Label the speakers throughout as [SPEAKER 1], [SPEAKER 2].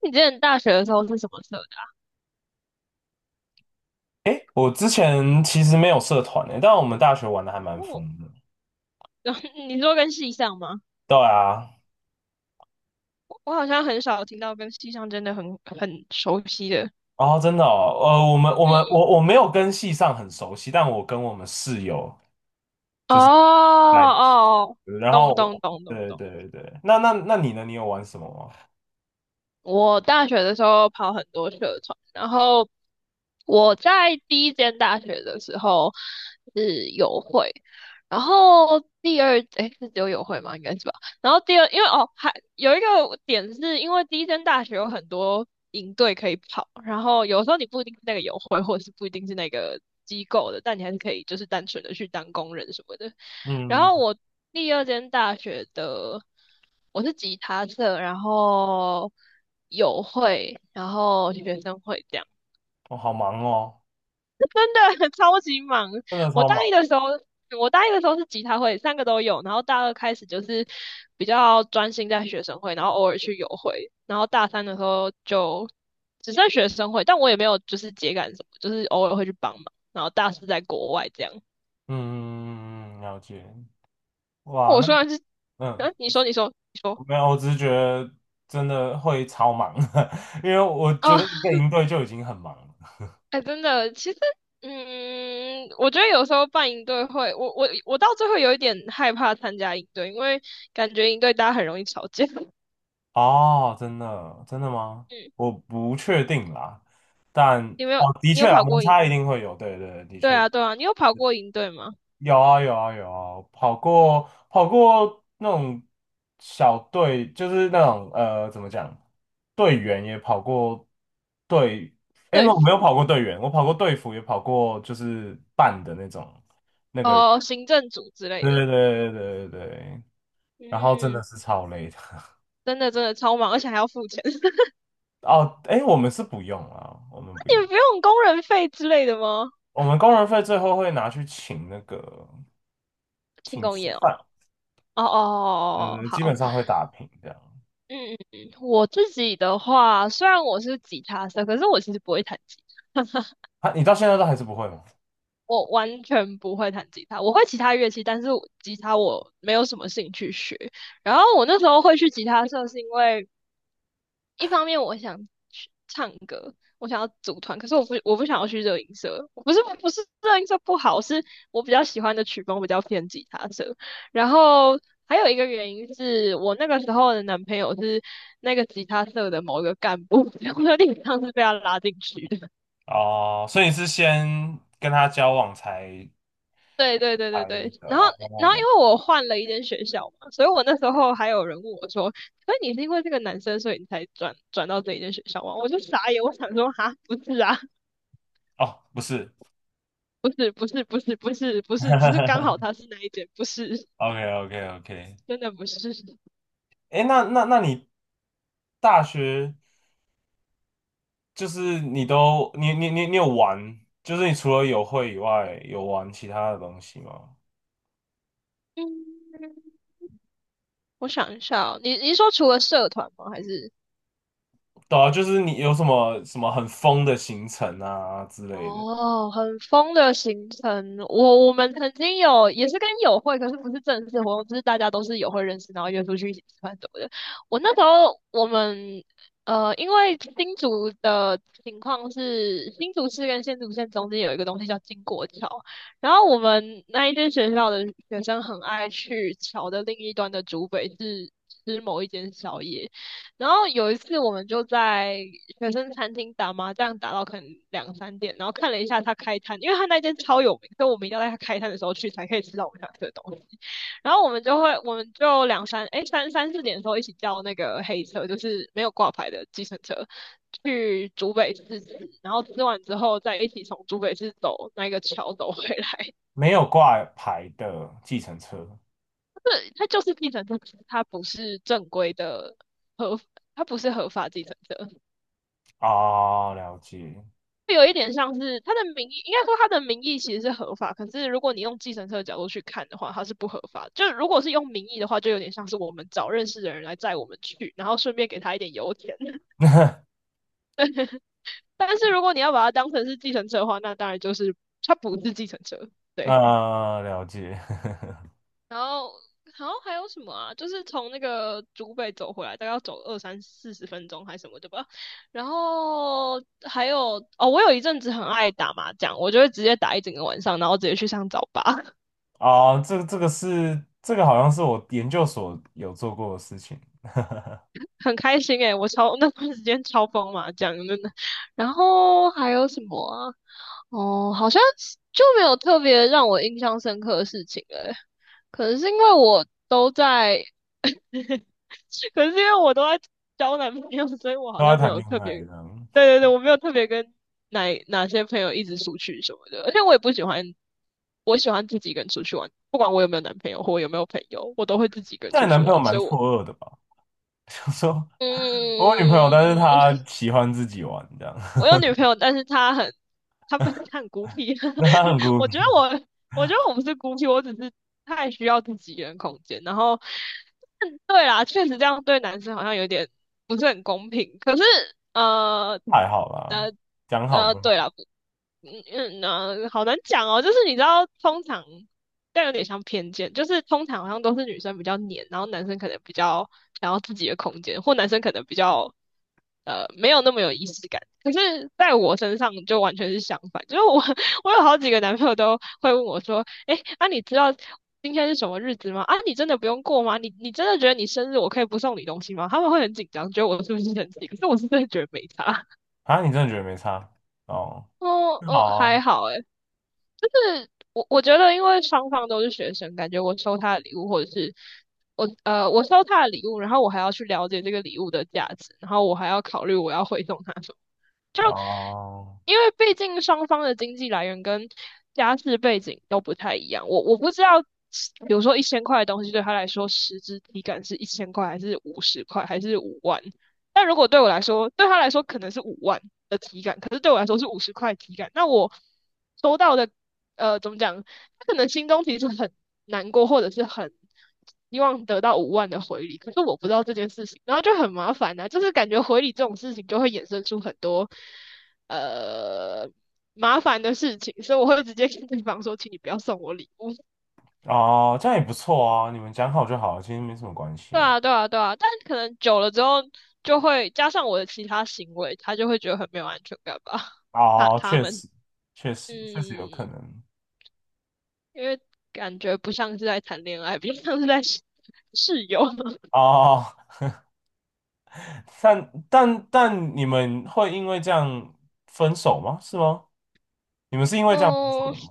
[SPEAKER 1] 你之前大学的时候是什么社的？
[SPEAKER 2] 诶，我之前其实没有社团诶，但我们大学玩的还蛮疯
[SPEAKER 1] 哦，
[SPEAKER 2] 的。
[SPEAKER 1] 然后 你说跟系上吗？
[SPEAKER 2] 对啊，
[SPEAKER 1] 我好像很少听到跟系上真的很熟悉的。
[SPEAKER 2] 然后真的哦，我们我
[SPEAKER 1] 嗯
[SPEAKER 2] 们我我没有跟系上很熟悉，但我跟我们室友
[SPEAKER 1] 嗯，哦
[SPEAKER 2] 就是在一起。
[SPEAKER 1] 哦，
[SPEAKER 2] 然后
[SPEAKER 1] 懂懂
[SPEAKER 2] 我
[SPEAKER 1] 懂懂
[SPEAKER 2] 对
[SPEAKER 1] 懂。
[SPEAKER 2] 对对对，那你呢？你有玩什么吗？
[SPEAKER 1] 我大学的时候跑很多社团，然后我在第一间大学的时候是友会，然后第二诶是只有友会吗？应该是吧。然后第二，因为哦还有一个点是因为第一间大学有很多营队可以跑，然后有时候你不一定是那个友会，或者是不一定是那个机构的，但你还是可以就是单纯的去当工人什么的。然
[SPEAKER 2] 嗯，
[SPEAKER 1] 后我第二间大学的我是吉他社，然后友会，然后学生会这样，
[SPEAKER 2] 我、好忙哦，
[SPEAKER 1] 真的 超级忙。
[SPEAKER 2] 真的
[SPEAKER 1] 我
[SPEAKER 2] 超
[SPEAKER 1] 大一
[SPEAKER 2] 忙。
[SPEAKER 1] 的时候，我大一的时候是吉他会，三个都有，然后大二开始就是比较专心在学生会，然后偶尔去友会，然后大三的时候就只剩学生会，但我也没有就是节感什么，就是偶尔会去帮忙，然后大四在国外这样。
[SPEAKER 2] 嗯，嗯嗯嗯嗯了解。哇，
[SPEAKER 1] 我
[SPEAKER 2] 那
[SPEAKER 1] 虽然是，
[SPEAKER 2] 嗯，
[SPEAKER 1] 啊，你说，你说，你说。
[SPEAKER 2] 没有，我只是觉得真的会超忙，因为我觉得
[SPEAKER 1] 啊。
[SPEAKER 2] 一个营队就已经很忙了。
[SPEAKER 1] 哎，真的，其实，嗯，我觉得有时候办营队会，我到最后有一点害怕参加营队，因为感觉营队大家很容易吵架。
[SPEAKER 2] 哦，真的，真的吗？
[SPEAKER 1] 嗯，
[SPEAKER 2] 我不确定啦，但
[SPEAKER 1] 你没有，
[SPEAKER 2] 哦，的
[SPEAKER 1] 你
[SPEAKER 2] 确
[SPEAKER 1] 有
[SPEAKER 2] 啊，
[SPEAKER 1] 跑
[SPEAKER 2] 摩
[SPEAKER 1] 过营？
[SPEAKER 2] 擦一定会有，对对，的
[SPEAKER 1] 对
[SPEAKER 2] 确
[SPEAKER 1] 啊，对啊，你有跑过营队吗？
[SPEAKER 2] 有啊，有啊，有啊，跑过跑过那种小队，就是那种怎么讲，队员也跑过队，哎，
[SPEAKER 1] 队
[SPEAKER 2] 我没有
[SPEAKER 1] 服，
[SPEAKER 2] 跑过队员，我跑过队服，也跑过就是办的那种那个人，
[SPEAKER 1] 哦，行政组之类
[SPEAKER 2] 对
[SPEAKER 1] 的。
[SPEAKER 2] 对对对对对，对然后真的
[SPEAKER 1] 嗯，
[SPEAKER 2] 是超累的。
[SPEAKER 1] 真的真的超忙，而且还要付钱。你
[SPEAKER 2] 哦，哎，我们是不用啊，我们不用。
[SPEAKER 1] 们不用工人费之类的吗？
[SPEAKER 2] 我们工人费最后会拿去请那个
[SPEAKER 1] 庆
[SPEAKER 2] 请
[SPEAKER 1] 功
[SPEAKER 2] 吃
[SPEAKER 1] 宴哦。
[SPEAKER 2] 饭，
[SPEAKER 1] 哦哦哦哦，哦哦
[SPEAKER 2] 呃，基
[SPEAKER 1] 好，
[SPEAKER 2] 本上会打平这样。
[SPEAKER 1] 嗯嗯嗯，嗯我自己的话，虽然我是吉他社，可是我其实不会弹吉他。
[SPEAKER 2] 他你到现在都还是不会吗？
[SPEAKER 1] 我完全不会弹吉他，我会其他乐器，但是我吉他我没有什么兴趣学。然后我那时候会去吉他社，是因为一方面我想去唱歌，我想要组团，可是我不想要去热音社，我不是热音社不好，是我比较喜欢的曲风比较偏吉他社。然后还有一个原因是我那个时候的男朋友是那个吉他社的某一个干部，我有点像是被他拉进去的。
[SPEAKER 2] 哦，所以你是先跟他交往才
[SPEAKER 1] 对对对对
[SPEAKER 2] 才
[SPEAKER 1] 对，
[SPEAKER 2] 的
[SPEAKER 1] 然后
[SPEAKER 2] 哦，跟我聊
[SPEAKER 1] 因为我换了一间学校嘛，所以我那时候还有人问我说：“所以你是因为这个男生，所以你才转到这一间学校吗？”我就傻眼，我想说：“哈，不是啊，
[SPEAKER 2] 哦，不是
[SPEAKER 1] 不是不是不是不是不是，只是刚 好他是那一间，不是，
[SPEAKER 2] ，OK OK OK，
[SPEAKER 1] 真的不是。”
[SPEAKER 2] 哎，那你大学就是你都你你你你有玩，就是你除了有会以外，有玩其他的东西吗？
[SPEAKER 1] 嗯，我想一下哦，你是说除了社团吗？还是？
[SPEAKER 2] 对啊，就是你有什么什么很疯的行程啊之类的。
[SPEAKER 1] 哦，很疯的行程。我们曾经有也是跟友会，可是不是正式活动，就是大家都是友会认识，然后约出去一起吃饭什么的。我那时候我们因为新竹的情况是新竹市跟新竹县中间有一个东西叫经国桥，然后我们那一间学校的学生很爱去桥的另一端的竹北是吃某一间宵夜。然后有一次我们就在学生餐厅打麻将，打到可能两三点，然后看了一下他开摊，因为他那间超有名，所以我们一定要在他开摊的时候去才可以吃到我们想吃的东西。然后我们就会，我们就两三哎三三四点的时候一起叫那个黑车，就是没有挂牌的计程车，去竹北市吃，然后吃完之后再一起从竹北市走那个桥走回来。
[SPEAKER 2] 没有挂牌的计程车
[SPEAKER 1] 对，它就是计程车，可是它不是正规的合，它不是合法计程车。
[SPEAKER 2] 啊，了解，
[SPEAKER 1] 有一点像是他的名义，应该说他的名义其实是合法，可是如果你用计程车的角度去看的话，它是不合法。就如果是用名义的话，就有点像是我们找认识的人来载我们去，然后顺便给他一点油钱。但是如果你要把它当成是计程车的话，那当然就是它不是计程车。对，
[SPEAKER 2] 呃，了解
[SPEAKER 1] 然后还有什么啊？就是从那个竹北走回来，大概要走二三四十分钟还是什么的吧。然后还有哦，我有一阵子很爱打麻将，我就会直接打一整个晚上，然后直接去上早八。
[SPEAKER 2] 啊，这个是这个好像是我研究所有做过的事情，
[SPEAKER 1] 很开心诶，那段时间超疯嘛，讲真的。然后还有什么啊？哦，好像是就没有特别让我印象深刻的事情诶，可能是因为我都在，可能是因为我都在交男朋友，所以我好
[SPEAKER 2] 都在
[SPEAKER 1] 像没
[SPEAKER 2] 谈
[SPEAKER 1] 有
[SPEAKER 2] 恋
[SPEAKER 1] 特
[SPEAKER 2] 爱
[SPEAKER 1] 别，
[SPEAKER 2] 这样。
[SPEAKER 1] 对对对，我没有特别跟哪些朋友一直出去什么的，而且我也不喜欢，我喜欢自己一个人出去玩，不管我有没有男朋友或我有没有朋友，我都会自己一个人
[SPEAKER 2] 但
[SPEAKER 1] 出
[SPEAKER 2] 你
[SPEAKER 1] 去
[SPEAKER 2] 男朋友
[SPEAKER 1] 玩，所
[SPEAKER 2] 蛮
[SPEAKER 1] 以
[SPEAKER 2] 错
[SPEAKER 1] 我。
[SPEAKER 2] 愕的吧？想说我有女朋友，
[SPEAKER 1] 嗯，
[SPEAKER 2] 但是她喜欢自己玩这样，
[SPEAKER 1] 我有女朋友，但是她很，她不是她很孤僻。
[SPEAKER 2] 那她很 孤
[SPEAKER 1] 我觉得
[SPEAKER 2] 僻，
[SPEAKER 1] 我，我觉得我不是孤僻，我只是太需要自己一个人空间。然后，嗯对啦，确实这样对男生好像有点不是很公平。可是，呃，
[SPEAKER 2] 还好啦，
[SPEAKER 1] 呃，
[SPEAKER 2] 讲好就
[SPEAKER 1] 对
[SPEAKER 2] 好
[SPEAKER 1] 啦，不嗯好难讲哦。就是你知道，通常但有点像偏见，就是通常好像都是女生比较黏，然后男生可能比较想要自己的空间，或男生可能比较没有那么有仪式感。可是在我身上就完全是相反，就是我 我有好几个男朋友都会问我说，哎，啊你知道今天是什么日子吗？啊你真的不用过吗？你真的觉得你生日我可以不送你东西吗？他们会很紧张，觉得我是不是生气？可是我是真的觉得没差。
[SPEAKER 2] 啊。你真的觉得没差哦？
[SPEAKER 1] 哦
[SPEAKER 2] 那
[SPEAKER 1] 哦
[SPEAKER 2] 好
[SPEAKER 1] 还
[SPEAKER 2] 啊，
[SPEAKER 1] 好诶，我觉得，因为双方都是学生，感觉我收他的礼物，或者是我收他的礼物，然后我还要去了解这个礼物的价值，然后我还要考虑我要回送他什么。就
[SPEAKER 2] 哦
[SPEAKER 1] 因为毕竟双方的经济来源跟家世背景都不太一样，我不知道，比如说一千块的东西对他来说实质体感是一千块，还是五十块，还是五万？但如果对我来说，对他来说可能是五万的体感，可是对我来说是五十块体感。那我收到的，怎么讲？他可能心中其实很难过，或者是很希望得到五万的回礼，可是我不知道这件事情，然后就很麻烦呐、就是感觉回礼这种事情就会衍生出很多呃麻烦的事情，所以我会直接跟对方说，请你不要送我礼物。
[SPEAKER 2] 哦，这样也不错啊，你们讲好就好，其实没什么关系
[SPEAKER 1] 对
[SPEAKER 2] 啊。
[SPEAKER 1] 啊，对啊，对啊，但可能久了之后，就会加上我的其他行为，他就会觉得很没有安全感吧。他
[SPEAKER 2] 哦，
[SPEAKER 1] 他
[SPEAKER 2] 确
[SPEAKER 1] 们，
[SPEAKER 2] 实，确
[SPEAKER 1] 嗯，
[SPEAKER 2] 实，确实有可
[SPEAKER 1] 因
[SPEAKER 2] 能
[SPEAKER 1] 为感觉不像是在谈恋爱，比较像是在 室友。
[SPEAKER 2] 哦。但你们会因为这样分手吗？是吗？你们是因 为这样分手
[SPEAKER 1] 哦，
[SPEAKER 2] 的吗？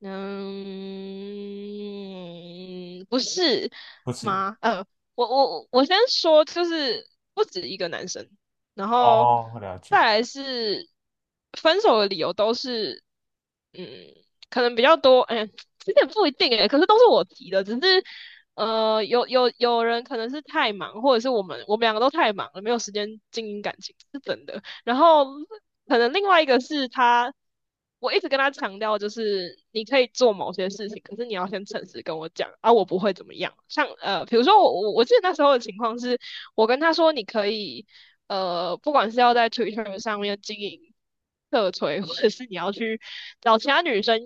[SPEAKER 1] 嗯，不是
[SPEAKER 2] 不是
[SPEAKER 1] 吗？我先说，就是不止一个男生，然后
[SPEAKER 2] 哦，我了
[SPEAKER 1] 再
[SPEAKER 2] 解。
[SPEAKER 1] 来是分手的理由都是，嗯，可能比较多，哎、这点不一定哎、可是都是我提的，只是有人可能是太忙，或者是我们两个都太忙了，没有时间经营感情，是真的。然后可能另外一个是他，我一直跟他强调，就是你可以做某些事情，可是你要先诚实跟我讲啊，我不会怎么样。像比如说我记得那时候的情况是，我跟他说你可以不管是要在 Twitter 上面经营社推，或者是你要去找其他女生。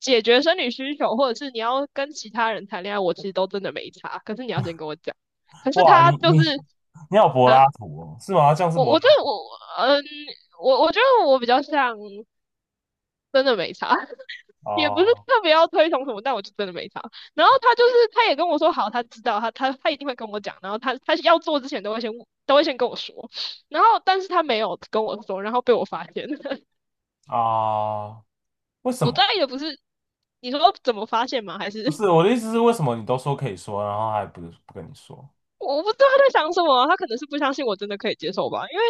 [SPEAKER 1] 解决生理需求，或者是你要跟其他人谈恋爱，我其实都真的没差。可是你要先跟我讲。可是
[SPEAKER 2] 哇，
[SPEAKER 1] 他
[SPEAKER 2] 你
[SPEAKER 1] 就
[SPEAKER 2] 你
[SPEAKER 1] 是
[SPEAKER 2] 你好柏
[SPEAKER 1] 啊，
[SPEAKER 2] 拉图哦，是吗？这样是
[SPEAKER 1] 我
[SPEAKER 2] 柏
[SPEAKER 1] 我觉
[SPEAKER 2] 拉
[SPEAKER 1] 得我我觉得我比较像真的没差，
[SPEAKER 2] 图
[SPEAKER 1] 也不是
[SPEAKER 2] 哦
[SPEAKER 1] 特别要推崇什么，但我就真的没差。然后他就是他也跟我说好，他知道他一定会跟我讲，然后他要做之前都会先都会先跟我说，然后但是他没有跟我说，然后被我发现了。
[SPEAKER 2] 啊？为 什
[SPEAKER 1] 我
[SPEAKER 2] 么？
[SPEAKER 1] 大概也不是你说怎么发现吗？还是
[SPEAKER 2] 不 是我的意思是，为什么你都说可以说，然后还不跟你说？
[SPEAKER 1] 我不知道他在想什么啊，他可能是不相信我真的可以接受吧，因为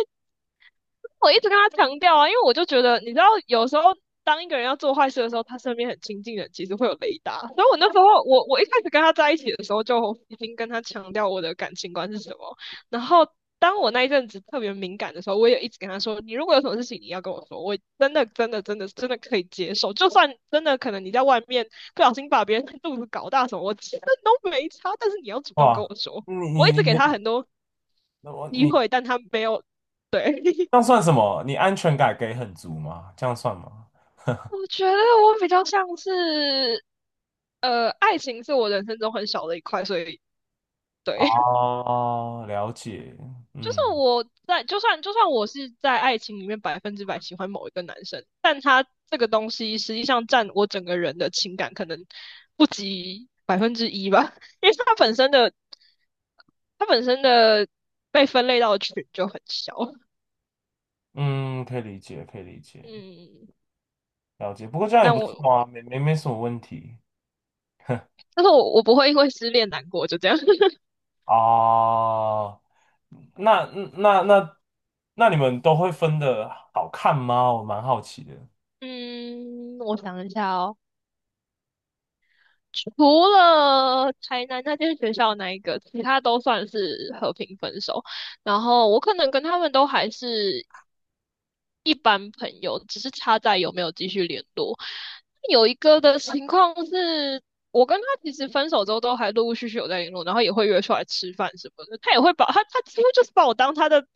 [SPEAKER 1] 我一直跟他强调啊，因为我就觉得，你知道，有时候当一个人要做坏事的时候，他身边很亲近的人其实会有雷达。所以我那时候，我一开始跟他在一起的时候，就已经跟他强调我的感情观是什么。然后，当我那一阵子特别敏感的时候，我也一直跟他说，你如果有什么事情，你要跟我说，我真的可以接受，就算真的可能你在外面不小心把别人肚子搞大什么，我真的都没差，但是你要主动跟
[SPEAKER 2] 哇，
[SPEAKER 1] 我说。
[SPEAKER 2] 你
[SPEAKER 1] 我一
[SPEAKER 2] 你
[SPEAKER 1] 直给
[SPEAKER 2] 你
[SPEAKER 1] 他很多
[SPEAKER 2] 我
[SPEAKER 1] 机
[SPEAKER 2] 你
[SPEAKER 1] 会，但他没有对。
[SPEAKER 2] 这样算什么？你安全感给很足吗？这样算吗？
[SPEAKER 1] 我觉得我比较像是，爱情是我人生中很小的一块，所以对，
[SPEAKER 2] 哦，了解，
[SPEAKER 1] 就是
[SPEAKER 2] 嗯
[SPEAKER 1] 我在，就算我是在爱情里面百分之百喜欢某一个男生，但他这个东西实际上占我整个人的情感可能不及百分之一吧，因为他本身的被分类到的群就很小，
[SPEAKER 2] 嗯，可以理解，可以理解，
[SPEAKER 1] 嗯，
[SPEAKER 2] 了解。不过这样也
[SPEAKER 1] 但
[SPEAKER 2] 不
[SPEAKER 1] 我
[SPEAKER 2] 错啊，没什么问题
[SPEAKER 1] 但是我不会因为失恋难过，就这样，
[SPEAKER 2] 哦。那那那那你们都会分的好看吗？我蛮好奇的。
[SPEAKER 1] 嗯，我想一下哦。除了台南那间学校那一个，其他都算是和平分手。然后我可能跟他们都还是一般朋友，只是差在有没有继续联络。有一个的情况是，我跟他其实分手之后都还陆陆续续有在联络，然后也会约出来吃饭什么的。他也会把他几乎就是把我当他的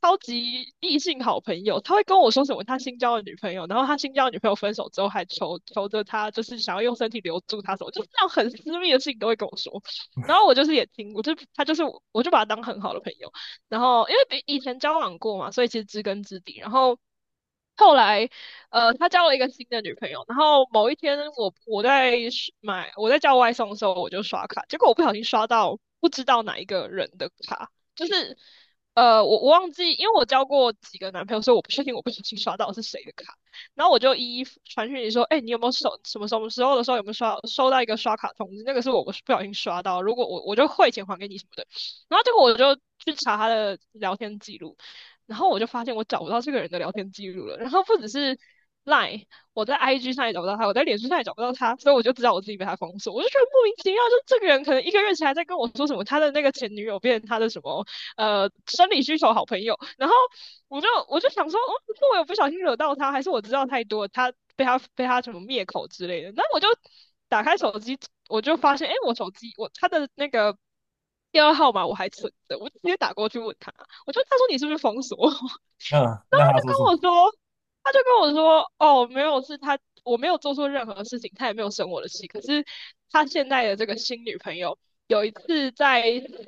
[SPEAKER 1] 超级异性好朋友。他会跟我说什么他新交的女朋友，然后他新交的女朋友分手之后还求求着他，就是想要用身体留住他什么，就是那种很私密的事情都会跟我说。然后我就是也听，我就把他当很好的朋友。然后因为比以前交往过嘛，所以其实知根知底。然后后来，他交了一个新的女朋友。然后某一天我，我在刷买我在叫外送的时候，我就刷卡，结果我不小心刷到不知道哪一个人的卡，就是我忘记，因为我交过几个男朋友，所以我不确定我不小心刷到是谁的卡。然后我就一一传讯息说，哎、你有没有收什么什么时候的时候有没有刷收到一个刷卡通知？那个是我不小心刷到，如果我就汇钱还给你什么的。然后结果我就去查他的聊天记录，然后我就发现我找不到这个人的聊天记录了。然后不只是赖，我在 IG 上也找不到他，我在脸书上也找不到他，所以我就知道我自己被他封锁。我就觉得莫名其妙，就这个人可能一个月前还在跟我说什么他的那个前女友变成他的什么生理需求好朋友，然后我就想说，哦，是我有不小心惹到他，还是我知道太多，他被他什么灭口之类的？那我就打开手机，我就发现，哎，我手机我他的那个电话号码我还存着，我就直接打过去问他，他说你是不是封锁我？
[SPEAKER 2] 嗯，那他
[SPEAKER 1] 就
[SPEAKER 2] 说
[SPEAKER 1] 跟
[SPEAKER 2] 什
[SPEAKER 1] 我
[SPEAKER 2] 么？
[SPEAKER 1] 说，他就跟我说，哦，没有，是他，我没有做错任何事情，他也没有生我的气。可是他现在的这个新女朋友，有一次在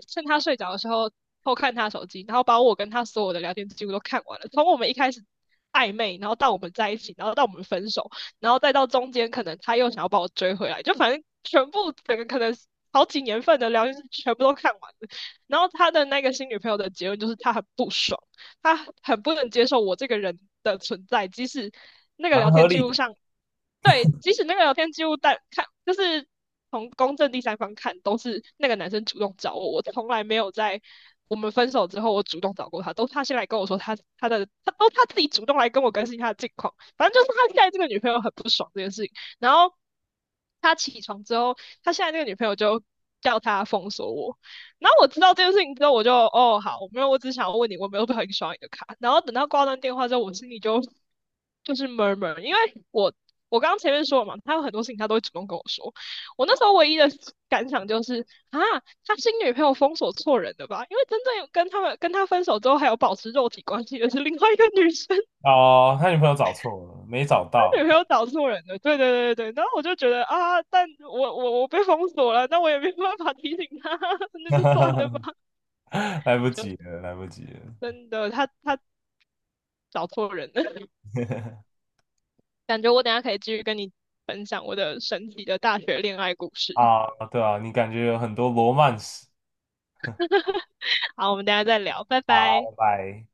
[SPEAKER 1] 趁他睡着的时候偷看他手机，然后把我跟他所有的聊天记录都看完了，从我们一开始。暧昧，然后到我们在一起，然后到我们分手，然后再到中间，可能他又想要把我追回来，就反正全部整个可能好几年份的聊天记录全部都看完了。然后他的那个新女朋友的结论就是他很不爽，他很不能接受我这个人的存在，即使那个聊
[SPEAKER 2] 蛮合
[SPEAKER 1] 天记
[SPEAKER 2] 理
[SPEAKER 1] 录
[SPEAKER 2] 的
[SPEAKER 1] 上对，即使那个聊天记录但看，就是从公正第三方看，都是那个男生主动找我，我从来没有在我们分手之后我主动找过他，都是他先来跟我说，他自己主动来跟我更新他的近况，反正就是他现在这个女朋友很不爽这件事情，然后他起床之后，他现在这个女朋友就。叫他封锁我，然后我知道这件事情之后，我就哦好，我没有，我只想要问你，我没有很喜刷你的卡。然后等到挂断电话之后，我心里就就是 murmur，因为我我刚刚前面说了嘛，他有很多事情他都会主动跟我说。我那时候唯一的感想就是啊，他新女朋友封锁错人了吧？因为真正有跟他们跟他分手之后还有保持肉体关系的是另外一个女生，
[SPEAKER 2] 哦。他女朋友找错了，没找
[SPEAKER 1] 他
[SPEAKER 2] 到，
[SPEAKER 1] 女朋友找错人了。对对对对对，然后我就觉得啊，但我被封锁了，那我也没办法提醒他，那就算了 吧。
[SPEAKER 2] 来不及
[SPEAKER 1] 就
[SPEAKER 2] 了，来不及了
[SPEAKER 1] 真的，他找错人了，感觉我等一下可以继续跟你分享我的神奇的大学恋爱故事。
[SPEAKER 2] 啊！对啊，你感觉有很多罗曼史。
[SPEAKER 1] 好，我们等一下再聊，拜拜。
[SPEAKER 2] 好，拜拜。